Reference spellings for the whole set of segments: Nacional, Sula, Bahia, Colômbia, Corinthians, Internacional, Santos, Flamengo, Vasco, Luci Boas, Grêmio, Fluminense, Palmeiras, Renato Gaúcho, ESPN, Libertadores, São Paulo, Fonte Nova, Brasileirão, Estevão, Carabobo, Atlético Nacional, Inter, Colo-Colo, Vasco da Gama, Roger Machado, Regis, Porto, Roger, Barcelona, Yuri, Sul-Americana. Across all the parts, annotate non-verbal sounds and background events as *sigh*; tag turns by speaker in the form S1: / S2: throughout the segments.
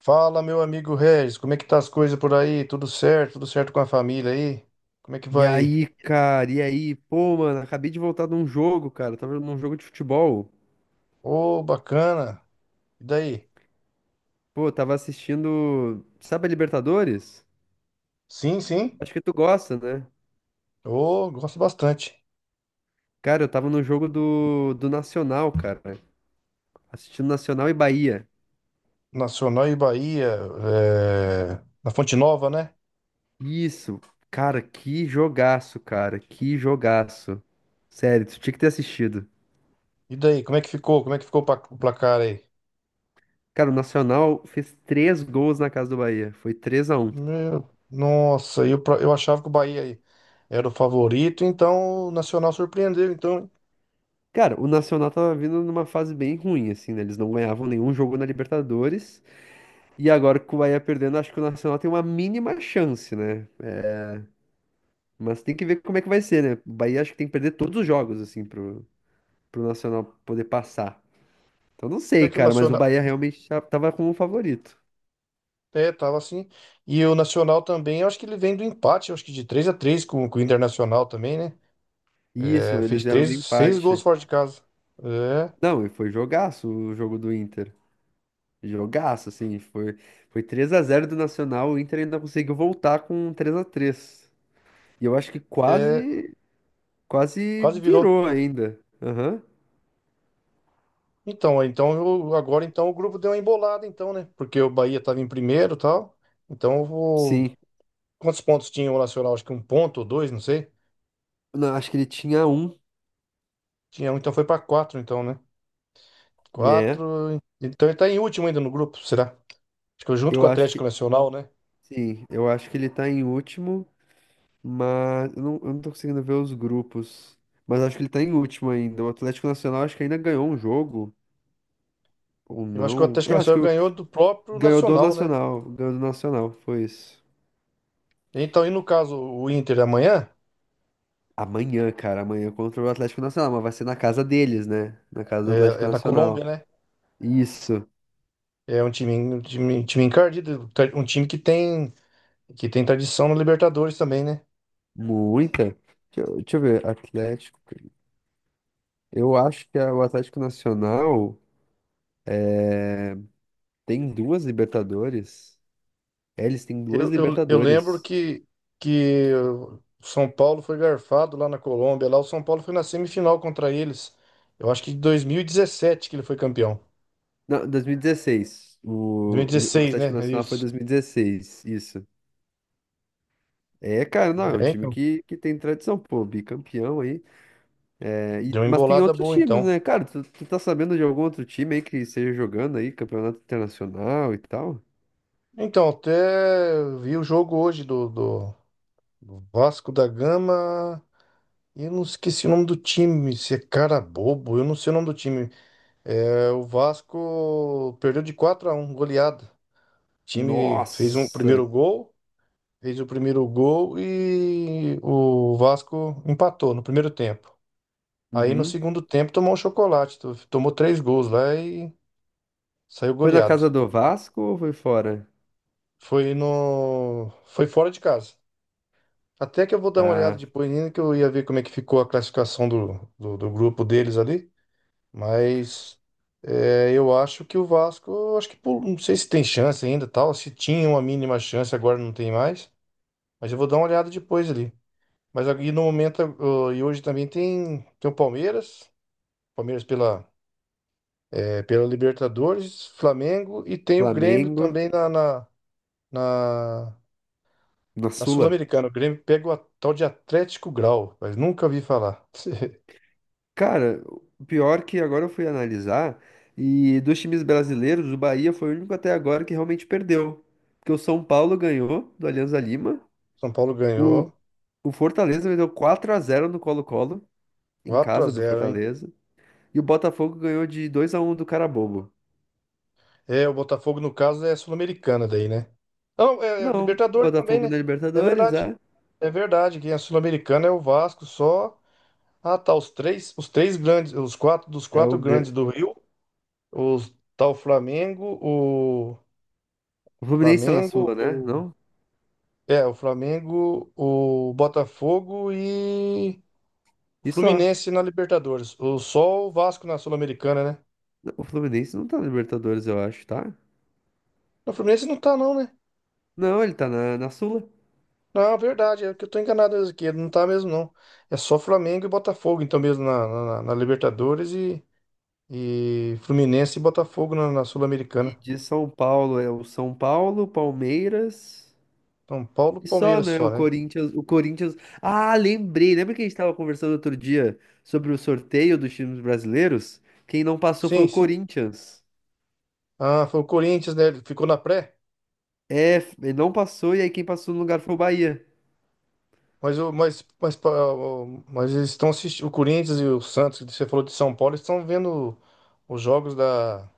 S1: Fala, meu amigo Regis, como é que tá as coisas por aí? Tudo certo? Tudo certo com a família aí? Como é que
S2: E
S1: vai?
S2: aí, cara, e aí? Pô, mano, acabei de voltar de um jogo, cara. Tava num jogo de futebol.
S1: Ô, bacana. E daí?
S2: Pô, tava assistindo. Sabe a Libertadores?
S1: Sim, sim.
S2: Acho que tu gosta, né?
S1: Ô, gosto bastante.
S2: Cara, eu tava no jogo do Nacional, cara. Assistindo Nacional e Bahia.
S1: Nacional e Bahia, é, na Fonte Nova, né?
S2: Isso, cara, que jogaço, cara. Que jogaço. Sério, tu tinha que ter assistido.
S1: E daí, como é que ficou? Como é que ficou o placar aí?
S2: Cara, o Nacional fez três gols na casa do Bahia. Foi 3 a um.
S1: Meu, nossa, eu achava que o Bahia aí era o favorito, então o Nacional surpreendeu. Então,
S2: Cara, o Nacional tava vindo numa fase bem ruim, assim, né? Eles não ganhavam nenhum jogo na Libertadores. E agora que o Bahia perdendo, acho que o Nacional tem uma mínima chance, né? Mas tem que ver como é que vai ser, né? O Bahia acho que tem que perder todos os jogos, assim, pro Nacional poder passar. Então não
S1: é
S2: sei,
S1: que o
S2: cara, mas o
S1: Nacional.
S2: Bahia realmente tava como favorito.
S1: É, tava assim. E o Nacional também, eu acho que ele vem do empate, eu acho que de 3-3 com o Internacional também, né?
S2: Isso,
S1: É,
S2: eles
S1: fez
S2: vieram
S1: três,
S2: do
S1: seis gols
S2: empate.
S1: fora de casa. É,
S2: Não, e foi jogaço o jogo do Inter. Jogaço, assim, foi três a zero do Nacional, o Inter ainda conseguiu voltar com três a três. E eu acho que
S1: é,
S2: quase
S1: quase virou.
S2: virou ainda. Aham,
S1: Então, agora então o grupo deu uma embolada, então, né? Porque o Bahia tava em primeiro e tal. Então,
S2: sim.
S1: quantos pontos tinha o Nacional? Acho que um ponto ou dois, não sei.
S2: Não, acho que ele tinha um,
S1: Tinha um, então foi pra quatro, então, né?
S2: né?
S1: Quatro. Então ele tá em último ainda no grupo, será? Acho que junto com
S2: Eu
S1: o
S2: acho
S1: Atlético
S2: que
S1: Nacional, né?
S2: sim, eu acho que ele tá em último, mas eu não tô conseguindo ver os grupos. Mas acho que ele tá em último ainda. O Atlético Nacional acho que ainda ganhou um jogo, ou
S1: Eu acho que o
S2: não.
S1: Atlético
S2: É, acho que
S1: Nacional ganhou do próprio
S2: ganhou do
S1: Nacional, né?
S2: Nacional. Ganhou do Nacional, foi isso.
S1: Então, e no caso, o Inter amanhã
S2: Amanhã, cara, amanhã contra o Atlético Nacional, mas vai ser na casa deles, né? Na casa do
S1: é,
S2: Atlético
S1: é na
S2: Nacional.
S1: Colômbia, né?
S2: Isso,
S1: É um time encardido, um time que tem tradição no Libertadores também, né?
S2: muita. Deixa eu ver, Atlético. Eu acho que o Atlético Nacional tem duas Libertadores. É, eles têm duas
S1: Eu lembro
S2: Libertadores.
S1: que o São Paulo foi garfado lá na Colômbia. Lá o São Paulo foi na semifinal contra eles. Eu acho que em 2017 que ele foi campeão.
S2: Não, 2016. O
S1: 2016,
S2: Atlético
S1: né? É
S2: Nacional foi
S1: isso.
S2: 2016, isso. É, cara, não, é um
S1: É,
S2: time
S1: então,
S2: que tem tradição, pô, bicampeão aí.
S1: deu uma
S2: Mas tem
S1: embolada
S2: outros
S1: boa,
S2: times,
S1: então.
S2: né? Cara, tu tá sabendo de algum outro time aí que esteja jogando aí, campeonato internacional e tal?
S1: Então, até vi o jogo hoje do, do Vasco da Gama. E eu não esqueci o nome do time, se é cara bobo, eu não sei o nome do time. É, o Vasco perdeu de 4-1, goleada. O time fez um
S2: Nossa!
S1: primeiro gol, fez o primeiro gol e o Vasco empatou no primeiro tempo. Aí no
S2: Uhum.
S1: segundo tempo tomou um chocolate, tomou três gols lá e saiu
S2: Foi na
S1: goleado.
S2: casa do Vasco ou foi fora?
S1: Foi no, Foi fora de casa. Até que eu vou dar uma olhada
S2: Ah,
S1: depois, ainda que eu ia ver como é que ficou a classificação do, do grupo deles ali. Mas eu acho que o Vasco, eu acho que não sei se tem chance ainda, tal. Se tinha uma mínima chance, agora não tem mais. Mas eu vou dar uma olhada depois ali. Mas aqui no momento, e hoje também tem o Palmeiras, Palmeiras pela Libertadores, Flamengo e tem o Grêmio
S2: Flamengo,
S1: também na, na, na,
S2: na
S1: na
S2: Sula.
S1: Sul-Americana. O Grêmio pega tal de Atlético Grau, mas nunca vi falar. *laughs*
S2: Cara, o pior que agora eu fui analisar, e dos times brasileiros, o Bahia foi o único até agora que realmente perdeu. Porque o São Paulo ganhou do Alianza Lima,
S1: São Paulo
S2: o,
S1: ganhou
S2: o Fortaleza meteu quatro a zero no Colo-Colo, em
S1: 4 a
S2: casa do
S1: zero, hein?
S2: Fortaleza, e o Botafogo ganhou de dois a um do Carabobo.
S1: É, o Botafogo, no caso, é Sul-Americana daí, né? Não, é
S2: Não,
S1: Libertadores também,
S2: Botafogo
S1: né?
S2: na
S1: É
S2: Libertadores,
S1: verdade.
S2: é.
S1: É verdade, quem é Sul-Americana é o Vasco só. Ah, tá, os quatro dos
S2: É
S1: quatro grandes do Rio, os tá
S2: o Fluminense tá na
S1: Flamengo,
S2: Sula, né?
S1: o
S2: Não?
S1: o Flamengo, o Botafogo e o
S2: E só.
S1: Fluminense na Libertadores. O só o Vasco na Sul-Americana, né?
S2: O Fluminense não tá na Libertadores, eu acho, tá?
S1: O Fluminense não tá não, né?
S2: Não, ele tá na Sula.
S1: Não, é verdade, é que eu tô enganado mesmo aqui, não tá mesmo não. É só Flamengo e Botafogo, então mesmo na Libertadores e Fluminense e Botafogo na Sul-Americana.
S2: De São Paulo é o São Paulo, Palmeiras
S1: São Paulo,
S2: e só,
S1: Palmeiras
S2: né?
S1: só, né?
S2: O Corinthians. Ah, lembrei. Lembra que a gente estava conversando outro dia sobre o sorteio dos times brasileiros? Quem não passou foi
S1: Sim,
S2: o
S1: sim.
S2: Corinthians.
S1: Ah, foi o Corinthians, né? Ele ficou na pré,
S2: É, ele não passou e aí quem passou no lugar foi o Bahia. *laughs*
S1: mas o mas mas, pa- o- mas eles estão assistindo o Corinthians e o Santos, que você falou de São Paulo, eles estão vendo os jogos da,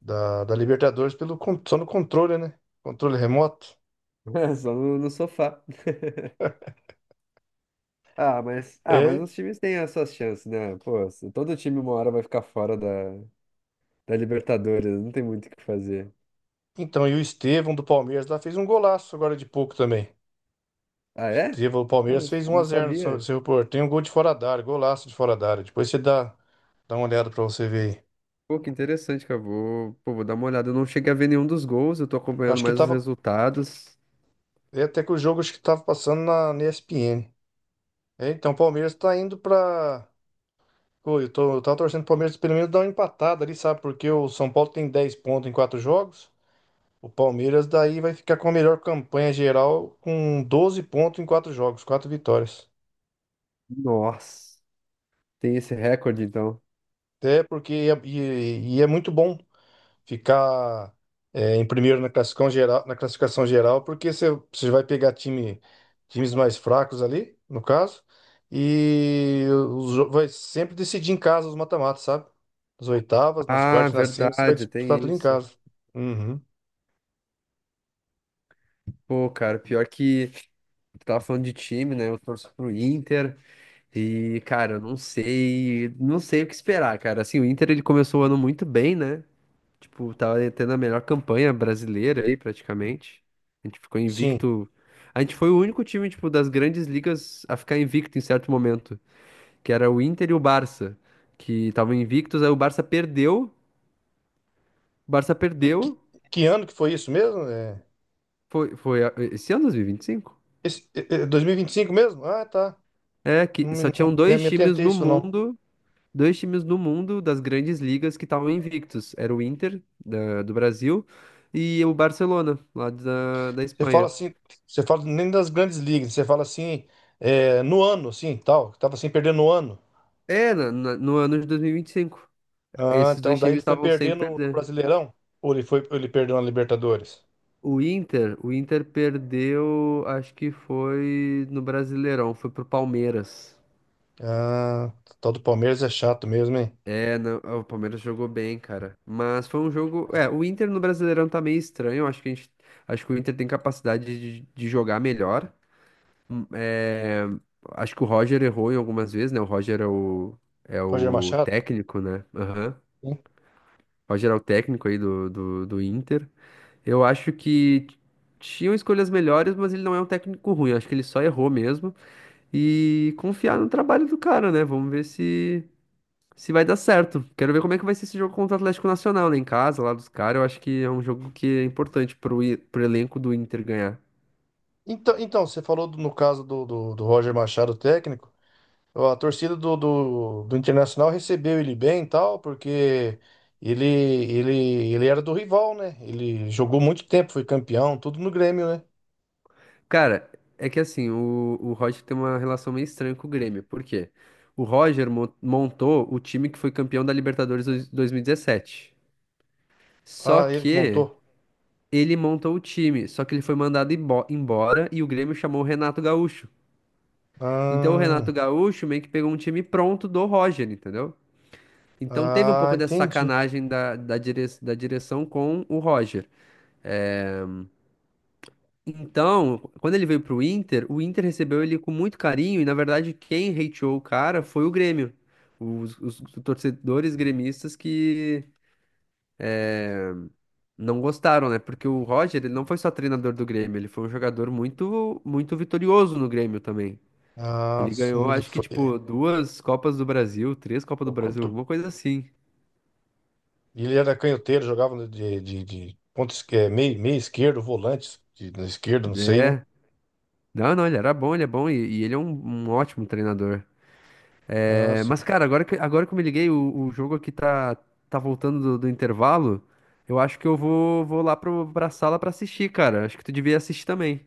S1: da, da Libertadores só no controle, né? Controle remoto.
S2: É, só no sofá. Mas
S1: É,
S2: os times têm as suas chances, né? Pô, se todo time uma hora vai ficar fora da Libertadores, não tem muito o que fazer.
S1: então, e o Estevão do Palmeiras lá fez um golaço agora de pouco também.
S2: Ah, é?
S1: Estevão do
S2: Eu não,
S1: Palmeiras fez um a
S2: não
S1: zero no
S2: sabia.
S1: seu Porto. Tem um gol de fora da área, golaço de fora da área. Depois você dá uma olhada pra você ver aí.
S2: Pô, que interessante, cara. Vou dar uma olhada. Eu não cheguei a ver nenhum dos gols, eu tô acompanhando
S1: Acho que
S2: mais os
S1: tava.
S2: resultados.
S1: É até que o jogo acho que tava passando na ESPN. É, então o Palmeiras tá indo pra. Pô, eu tava torcendo pro Palmeiras pelo menos dar uma empatada ali, sabe? Porque o São Paulo tem 10 pontos em 4 jogos. O Palmeiras daí vai ficar com a melhor campanha geral com 12 pontos em 4 jogos, 4 vitórias.
S2: Nossa, tem esse recorde, então.
S1: Até porque e é muito bom ficar em primeiro na classificação geral, porque você vai pegar times mais fracos ali, no caso, e vai sempre decidir em casa os mata-matas, sabe? Nas oitavas, nas
S2: Ah,
S1: quartas, nas semis, você vai
S2: verdade,
S1: disputar
S2: tem
S1: tudo em
S2: isso.
S1: casa. Uhum.
S2: Pô, cara, pior que tu tava falando de time, né? Eu torço pro Inter e, cara, eu não sei, não sei o que esperar, cara. Assim, o Inter ele começou o ano muito bem, né? Tipo, tava tendo a melhor campanha brasileira aí, praticamente. A gente ficou
S1: Sim.
S2: invicto. A gente foi o único time, tipo, das grandes ligas a ficar invicto em certo momento. Que era o Inter e o Barça, que estavam invictos, aí o Barça
S1: E
S2: perdeu,
S1: que ano que foi isso mesmo? É,
S2: foi esse ano 2025?
S1: esse, é 2025 mesmo? Ah, tá.
S2: É, que
S1: Não me,
S2: só tinham
S1: não
S2: dois
S1: me
S2: times
S1: atentei a
S2: no
S1: isso, não.
S2: mundo, dois times no mundo das grandes ligas que estavam invictos, era o Inter do Brasil e o Barcelona, lá da
S1: Você fala
S2: Espanha.
S1: assim, você fala nem das grandes ligas, você fala assim, é, no ano, assim, tal, que tava sem perder no ano.
S2: É, no ano de 2025,
S1: Ah,
S2: esses
S1: então
S2: dois
S1: daí
S2: times
S1: ele foi
S2: estavam sem
S1: perder no
S2: perder.
S1: Brasileirão? Ou ele perdeu na Libertadores?
S2: O Inter perdeu, acho que foi no Brasileirão, foi pro Palmeiras.
S1: Ah, o tal do Palmeiras é chato mesmo, hein?
S2: É, não, o Palmeiras jogou bem, cara. Mas foi um jogo. É, o Inter no Brasileirão tá meio estranho. Acho que o Inter tem capacidade de jogar melhor. É, acho que o Roger errou em algumas vezes, né? O Roger é o, é
S1: Roger
S2: o
S1: Machado?
S2: técnico, né? Aham.
S1: Sim.
S2: O Roger é o técnico aí do Inter. Eu acho que tinham escolhas melhores, mas ele não é um técnico ruim. Acho que ele só errou mesmo. E confiar no trabalho do cara, né? Vamos ver se vai dar certo. Quero ver como é que vai ser esse jogo contra o Atlético Nacional, né? Em casa, lá dos caras. Eu acho que é um jogo que é importante pro elenco do Inter ganhar.
S1: Então, você no caso do Roger Machado, técnico, ó, a torcida do Internacional recebeu ele bem e tal, porque ele, ele, ele era do rival, né? Ele jogou muito tempo, foi campeão, tudo no Grêmio, né?
S2: Cara, é que assim, o Roger tem uma relação meio estranha com o Grêmio. Por quê? O Roger montou o time que foi campeão da Libertadores 2017. Só
S1: Ah, ele que
S2: que
S1: montou?
S2: ele montou o time, só que ele foi mandado embora e o Grêmio chamou o Renato Gaúcho. Então o Renato
S1: Ah,
S2: Gaúcho meio que pegou um time pronto do Roger, entendeu? Então teve um
S1: ah,
S2: pouco dessa
S1: entendi.
S2: sacanagem da direção com o Roger. Então, quando ele veio pro Inter, o Inter recebeu ele com muito carinho e, na verdade, quem hateou o cara foi o Grêmio. Os torcedores gremistas que não gostaram, né? Porque o Roger, ele não foi só treinador do Grêmio, ele foi um jogador muito, muito vitorioso no Grêmio também.
S1: Ah,
S2: Ele
S1: sim,
S2: ganhou,
S1: ele
S2: acho que,
S1: foi.
S2: tipo, duas Copas do Brasil, três Copas do
S1: O
S2: Brasil,
S1: compro-
S2: alguma coisa assim.
S1: Ele era canhoteiro, jogava de ponta esquerda, meio esquerdo, volante, na esquerda, não sei, né?
S2: É. Não, não, ele era bom, ele é bom e ele é um ótimo treinador.
S1: Ah,
S2: É,
S1: sim.
S2: mas, cara, agora que eu me liguei, o jogo aqui tá voltando do intervalo. Eu acho que eu vou lá pra sala pra assistir, cara. Acho que tu devia assistir também.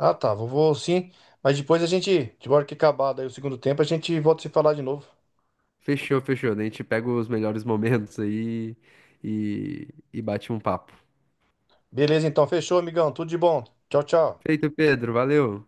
S1: Ah, tá, vou sim. Mas depois a gente, de hora que acabar daí o segundo tempo, a gente volta a se falar de novo.
S2: Fechou, fechou. Daí a gente pega os melhores momentos aí e bate um papo.
S1: Beleza, então, fechou, amigão. Tudo de bom. Tchau, tchau.
S2: Feito, Pedro. Valeu.